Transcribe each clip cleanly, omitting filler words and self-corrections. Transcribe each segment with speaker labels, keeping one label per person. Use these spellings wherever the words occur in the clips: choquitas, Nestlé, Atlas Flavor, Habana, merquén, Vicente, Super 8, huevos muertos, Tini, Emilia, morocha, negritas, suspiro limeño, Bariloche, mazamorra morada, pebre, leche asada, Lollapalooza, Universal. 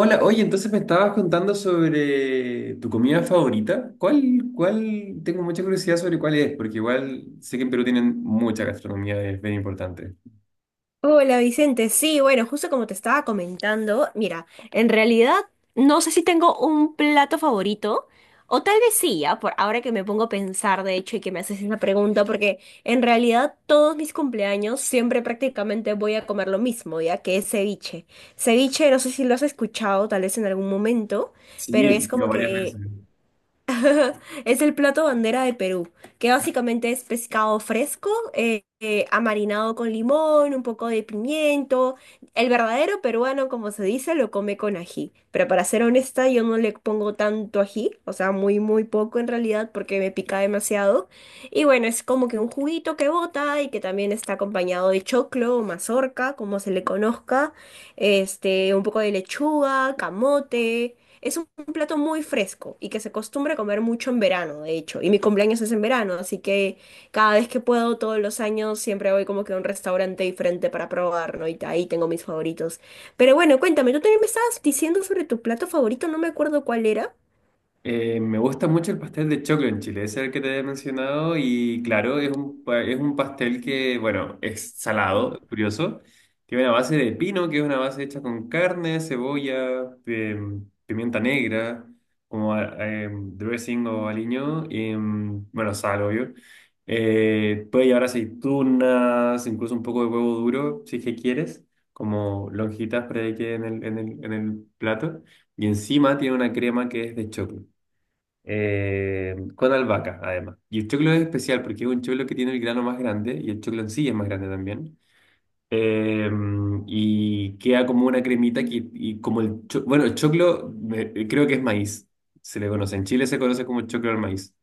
Speaker 1: Hola, oye, entonces me estabas contando sobre tu comida favorita. ¿Cuál, cuál? Tengo mucha curiosidad sobre cuál es, porque igual sé que en Perú tienen mucha gastronomía, es bien importante.
Speaker 2: Hola Vicente, sí, bueno, justo como te estaba comentando, mira, en realidad no sé si tengo un plato favorito, o tal vez sí, ya, por ahora que me pongo a pensar, de hecho, y que me haces esa pregunta, porque en realidad todos mis cumpleaños siempre prácticamente voy a comer lo mismo, ya que es ceviche. Ceviche, no sé si lo has escuchado tal vez en algún momento, pero
Speaker 1: Sí, he
Speaker 2: es
Speaker 1: ido
Speaker 2: como
Speaker 1: varias veces.
Speaker 2: que es el plato bandera de Perú, que básicamente es pescado fresco, amarinado con limón, un poco de pimiento. El verdadero peruano, como se dice, lo come con ají. Pero para ser honesta, yo no le pongo tanto ají, o sea, muy, muy poco en realidad, porque me pica demasiado. Y bueno, es como que un juguito que bota y que también está acompañado de choclo o mazorca, como se le conozca, este, un poco de lechuga, camote. Es un plato muy fresco y que se acostumbra a comer mucho en verano, de hecho. Y mi cumpleaños es en verano, así que cada vez que puedo, todos los años, siempre voy como que a un restaurante diferente para probar, ¿no? Y ahí tengo mis favoritos. Pero bueno, cuéntame, tú también me estabas diciendo sobre tu plato favorito, no me acuerdo cuál era.
Speaker 1: Me gusta mucho el pastel de choclo en Chile, ese es el que te he mencionado y claro, es un, es un pastel que, bueno, es salado, curioso, tiene una base de pino, que es una base hecha con carne, cebolla, pimienta negra, como dressing o aliño, y, bueno, sal, obvio. Puede llevar aceitunas, incluso un poco de huevo duro, si es que quieres, como lonjitas para que quede en el plato. Y encima tiene una crema que es de choclo con albahaca, además. Y el choclo es especial porque es un choclo que tiene el grano más grande y el choclo en sí es más grande también. Eh, y queda como una cremita que, y como el bueno, el choclo creo que es maíz, se le conoce. En Chile se conoce como choclo al maíz.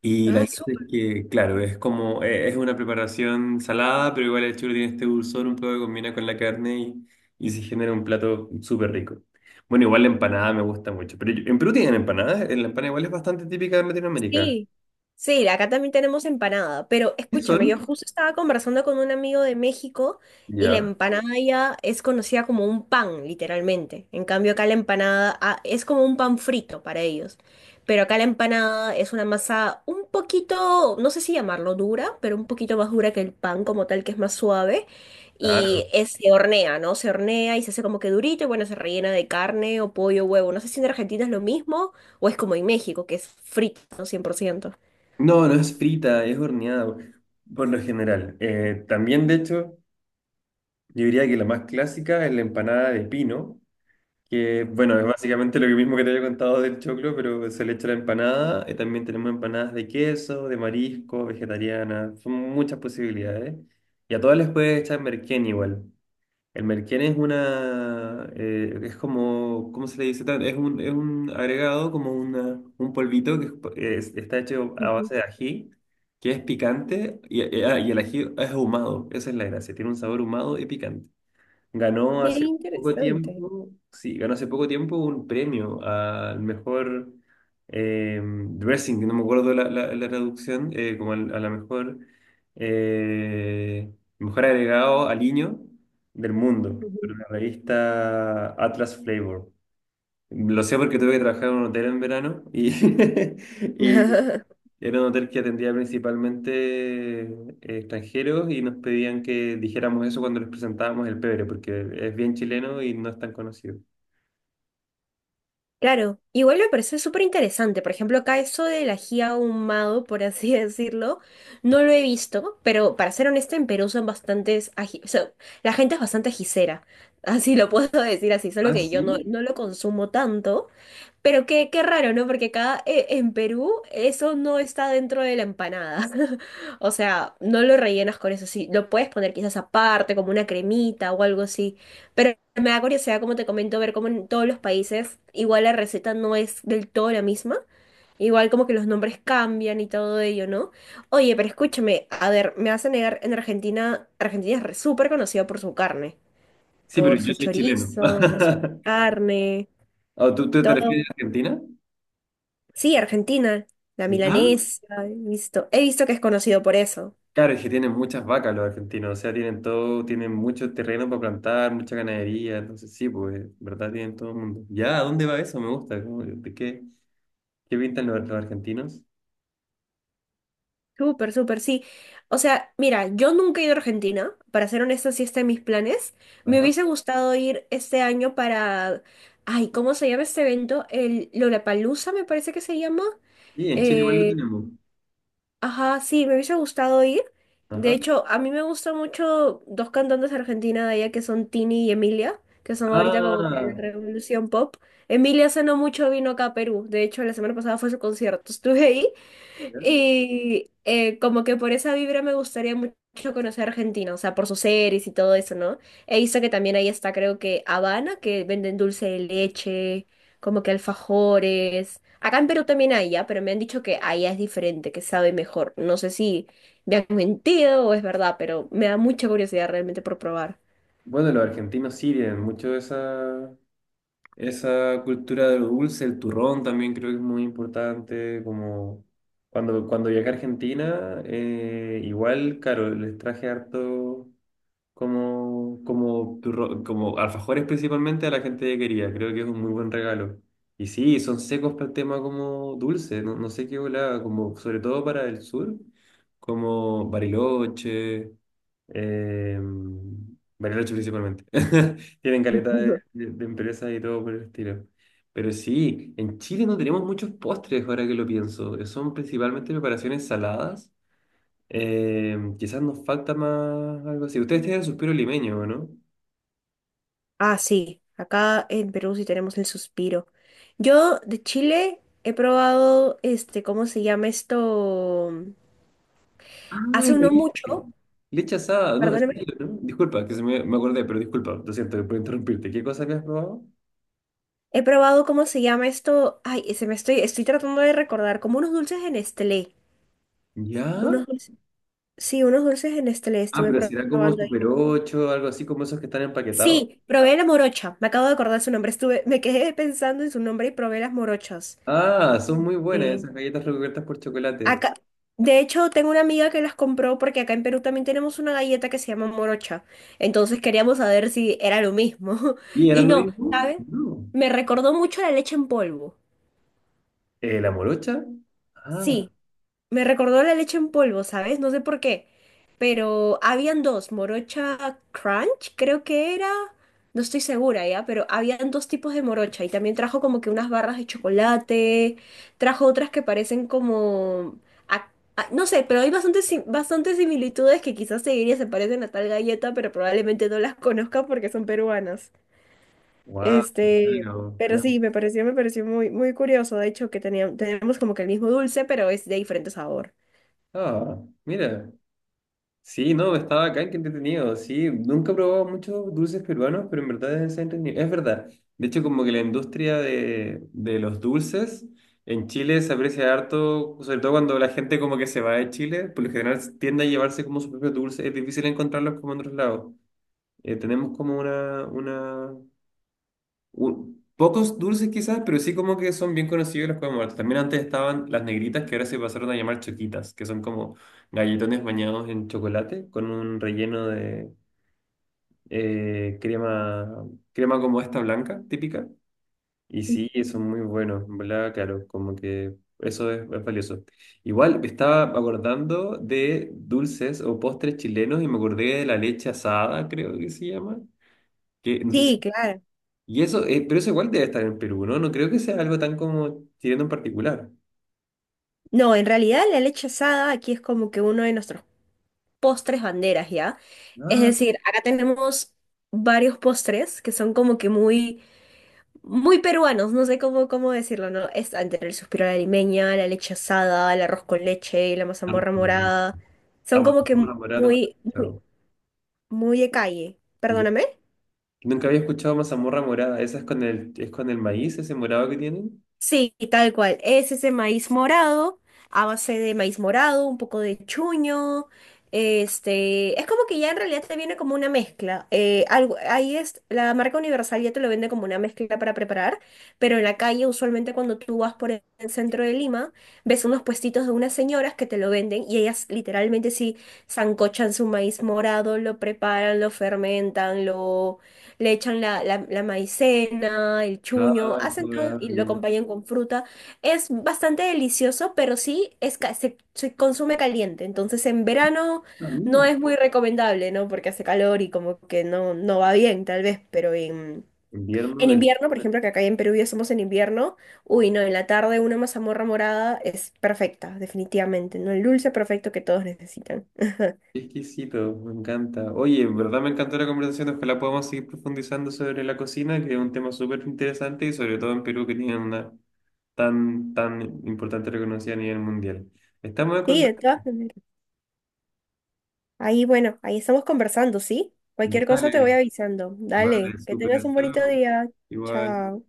Speaker 1: Y la
Speaker 2: Ah,
Speaker 1: gracia es
Speaker 2: súper.
Speaker 1: que, claro, es como, es una preparación salada, pero igual el chulo tiene este dulzor un poco que combina con la carne y se genera un plato súper rico. Bueno, igual la empanada me gusta mucho, pero en Perú tienen empanadas, la empanada igual es bastante típica de Latinoamérica.
Speaker 2: Sí, sí, acá también tenemos empanada, pero
Speaker 1: ¿Qué
Speaker 2: escúchame, yo
Speaker 1: son?
Speaker 2: justo estaba conversando con un amigo de México y la
Speaker 1: Ya,
Speaker 2: empanada ya es conocida como un pan, literalmente. En cambio, acá la empanada ah, es como un pan frito para ellos. Pero acá la empanada es una masa un poquito, no sé si llamarlo dura, pero un poquito más dura que el pan como tal, que es más suave.
Speaker 1: claro.
Speaker 2: Se hornea, ¿no? Se hornea y se hace como que durito y bueno, se rellena de carne o pollo, huevo. No sé si en Argentina es lo mismo. O es como en México, que es frito, ¿no? 100%.
Speaker 1: No, no es frita, es horneada por lo general. También, de hecho, yo diría que la más clásica es la empanada de pino. Que bueno, es básicamente lo mismo que te había contado del choclo, pero se le echa la empanada. También tenemos empanadas de queso, de marisco, vegetariana. Son muchas posibilidades. Y a todas les puedes echar merquén igual. El merquén es una. Es como. ¿Cómo se le dice? Es un agregado, como una, un polvito que está hecho a base de ají, que es picante y, y el ají es ahumado. Esa es la gracia. Tiene un sabor ahumado y picante. Ganó hace poco tiempo, sí, ganó hace poco tiempo un premio al mejor dressing, no me acuerdo la traducción, como a la mejor, eh, mejor agregado al niño del mundo,
Speaker 2: Ujú.
Speaker 1: por la revista Atlas Flavor. Lo sé porque tuve que trabajar en un hotel en verano y, y era un hotel que atendía principalmente extranjeros y nos pedían que dijéramos eso cuando les presentábamos el pebre, porque es bien chileno y no es tan conocido.
Speaker 2: Claro, igual me parece súper interesante. Por ejemplo, acá eso del ají ahumado, por así decirlo, no lo he visto, pero para ser honesta, en Perú son bastantes ají, o sea, la gente es bastante ajicera, así lo puedo decir así, solo
Speaker 1: Ah,
Speaker 2: que yo no,
Speaker 1: sí.
Speaker 2: no lo consumo tanto. Pero qué, qué raro, ¿no? Porque acá en Perú eso no está dentro de la empanada. O sea, no lo rellenas con eso. Sí, lo puedes poner quizás aparte, como una cremita o algo así. Pero me da curiosidad, como te comento, ver cómo en todos los países igual la receta no es del todo la misma. Igual como que los nombres cambian y todo ello, ¿no? Oye, pero escúchame, a ver, me vas a negar, en Argentina, Argentina súper conocida por su carne,
Speaker 1: Sí, pero
Speaker 2: por
Speaker 1: yo
Speaker 2: su
Speaker 1: soy chileno.
Speaker 2: chorizo, por su carne,
Speaker 1: ¿O tú te refieres
Speaker 2: todo.
Speaker 1: a Argentina?
Speaker 2: Sí, Argentina, la
Speaker 1: Ah,
Speaker 2: milanesa, he visto que es conocido por eso.
Speaker 1: claro, es que tienen muchas vacas los argentinos, o sea, tienen todo, tienen mucho terreno para plantar, mucha ganadería, entonces sí, pues, ¿en verdad? Tienen todo el mundo. ¿Ya? ¿A dónde va eso? Me gusta. Como, ¿de qué, qué pintan los argentinos?
Speaker 2: Súper, súper, sí. O sea, mira, yo nunca he ido a Argentina, para ser honesta, sí está en mis planes. Me
Speaker 1: Ajá.
Speaker 2: hubiese gustado ir este año para, ay, ¿cómo se llama este evento? El Lollapalooza, me parece que se llama.
Speaker 1: Sí, en Chile igual lo
Speaker 2: eh,
Speaker 1: tenemos.
Speaker 2: Ajá, sí, me hubiese gustado ir. De
Speaker 1: Ajá.
Speaker 2: hecho, a mí me gustan mucho dos cantantes de Argentina de allá que son Tini y Emilia, que son ahorita como que
Speaker 1: Ah,
Speaker 2: la revolución pop. Emilia hace no mucho vino acá a Perú. De hecho, la semana pasada fue su concierto. Estuve ahí
Speaker 1: bien.
Speaker 2: y como que por esa vibra me gustaría mucho conocer Argentina, o sea, por sus series y todo eso, ¿no? He visto que también ahí está, creo que Habana, que venden dulce de leche, como que alfajores. Acá en Perú también hay, ya, pero me han dicho que allá es diferente, que sabe mejor. No sé si me han mentido o es verdad, pero me da mucha curiosidad realmente por probar.
Speaker 1: Bueno, los argentinos sí tienen mucho esa, esa cultura de lo dulce, el turrón también creo que es muy importante, como cuando, cuando viajé a Argentina, igual, claro, les traje harto, como, como, como alfajores principalmente a la gente que quería. Creo que es un muy buen regalo. Y sí, son secos para el tema como dulce, no, no sé qué volaba, como sobre todo para el sur, como Bariloche, eh, Bariloche principalmente. Tienen caleta de, de empresas y todo por el estilo. Pero sí, en Chile no tenemos muchos postres ahora que lo pienso. Son principalmente preparaciones saladas, quizás nos falta más algo así. Ustedes tienen suspiro limeño, ¿o no?
Speaker 2: Ah, sí, acá en Perú sí tenemos el suspiro. Yo de Chile he probado, este, ¿cómo se llama esto?
Speaker 1: Ah, la
Speaker 2: Hace uno
Speaker 1: leche.
Speaker 2: mucho,
Speaker 1: Leche asada, no, sí,
Speaker 2: perdóneme,
Speaker 1: ¿no? Disculpa, que se me, me acordé, pero disculpa, lo siento por interrumpirte. ¿Qué cosa habías probado?
Speaker 2: he probado, ¿cómo se llama esto? Ay, se me estoy, tratando de recordar, como unos dulces en Nestlé.
Speaker 1: ¿Ya?
Speaker 2: Unos dulces, sí, unos dulces en Nestlé
Speaker 1: Ah,
Speaker 2: estuve
Speaker 1: pero será como
Speaker 2: probando ahí.
Speaker 1: Super 8, algo así como esos que están empaquetados.
Speaker 2: Sí, probé la morocha, me acabo de acordar su nombre, estuve, me quedé pensando en su nombre y probé las morochas.
Speaker 1: Ah, son muy buenas
Speaker 2: eh,
Speaker 1: esas galletas recubiertas por chocolate.
Speaker 2: Acá, de hecho, tengo una amiga que las compró porque acá en Perú también tenemos una galleta que se llama morocha. Entonces queríamos saber si era lo mismo.
Speaker 1: ¿Y
Speaker 2: Y
Speaker 1: eran lo
Speaker 2: no,
Speaker 1: mismo?
Speaker 2: ¿sabes?
Speaker 1: No.
Speaker 2: Me recordó mucho la leche en polvo.
Speaker 1: ¿La morocha? Ah,
Speaker 2: Sí, me recordó la leche en polvo, ¿sabes? No sé por qué. Pero habían dos, morocha crunch, creo que era, no estoy segura ya, pero habían dos tipos de morocha y también trajo como que unas barras de chocolate, trajo otras que parecen como, a- no sé, pero hay bastantes, bastantes similitudes que quizás seguiría se parecen a tal galleta, pero probablemente no las conozca porque son peruanas.
Speaker 1: wow,
Speaker 2: Este,
Speaker 1: claro.
Speaker 2: pero
Speaker 1: No.
Speaker 2: sí, me pareció muy, muy curioso, de hecho, que teníamos, tenemos como que el mismo dulce, pero es de diferente sabor.
Speaker 1: Ah, mira. Sí, no, estaba acá, qué entretenido. Sí, nunca he probado muchos dulces peruanos, pero en verdad es entretenido. Es verdad. De hecho, como que la industria de los dulces en Chile se aprecia harto, sobre todo cuando la gente como que se va de Chile, por lo general tiende a llevarse como su propio dulce. Es difícil encontrarlos como en otros lados. Tenemos como una pocos dulces quizás, pero sí como que son bien conocidos los huevos muertos. También antes estaban las negritas que ahora se pasaron a llamar choquitas, que son como galletones bañados en chocolate con un relleno de crema, crema como esta blanca, típica. Y sí, son muy buenos, ¿en verdad? Claro, como que eso es valioso. Igual me estaba acordando de dulces o postres chilenos y me acordé de la leche asada, creo que se llama. Que no sé si
Speaker 2: Sí, claro.
Speaker 1: y eso, pero eso igual debe estar en Perú, ¿no? No creo que sea algo tan como tirando en particular.
Speaker 2: No, en realidad la leche asada aquí es como que uno de nuestros postres banderas, ¿ya? Es
Speaker 1: Ah,
Speaker 2: decir, acá tenemos varios postres que son como que muy, muy peruanos, no sé cómo, cómo decirlo, ¿no? Es entre el suspiro a la limeña, la leche asada, el arroz con leche, la mazamorra
Speaker 1: Argentina.
Speaker 2: morada.
Speaker 1: Ah,
Speaker 2: Son como que
Speaker 1: mazamorra morada nunca había
Speaker 2: muy, muy,
Speaker 1: escuchado.
Speaker 2: muy de calle.
Speaker 1: Ya.
Speaker 2: Perdóname.
Speaker 1: Nunca había escuchado mazamorra morada. ¿Esa es con el maíz, ese morado que tienen?
Speaker 2: Sí, tal cual. Es ese maíz morado, a base de maíz morado, un poco de chuño. Este, es como que ya en realidad te viene como una mezcla. Algo, ahí es, la marca Universal ya te lo vende como una mezcla para preparar, pero en la calle usualmente cuando tú vas por el centro de Lima, ves unos puestitos de unas señoras que te lo venden y ellas literalmente sí sancochan su maíz morado, lo preparan, lo fermentan, lo, le echan la maicena, el
Speaker 1: Ah,
Speaker 2: chuño,
Speaker 1: qué
Speaker 2: hacen todo y lo
Speaker 1: adorable.
Speaker 2: acompañan con fruta. Es bastante delicioso, pero sí es, se, se consume caliente. Entonces en verano
Speaker 1: Ah,
Speaker 2: no
Speaker 1: mira.
Speaker 2: es muy recomendable, ¿no? Porque hace calor y como que no, no va bien, tal vez. Pero
Speaker 1: Invierno
Speaker 2: en
Speaker 1: del...
Speaker 2: invierno, por ejemplo, que acá en Perú ya somos en invierno, uy, no, en la tarde una mazamorra morada es perfecta, definitivamente, ¿no? El dulce perfecto que todos necesitan.
Speaker 1: Qué exquisito, me encanta. Oye, en verdad me encantó la conversación. Ojalá podamos seguir profundizando sobre la cocina, que es un tema súper interesante y sobre todo en Perú que tienen una tan, tan importante reconocida a nivel mundial. Estamos en
Speaker 2: Sí, de todas maneras. Ahí, bueno, ahí estamos conversando, ¿sí? Cualquier cosa te voy
Speaker 1: vale,
Speaker 2: avisando. Dale,
Speaker 1: vale,
Speaker 2: que
Speaker 1: súper
Speaker 2: tengas un bonito
Speaker 1: estado.
Speaker 2: día.
Speaker 1: Igual.
Speaker 2: Chao.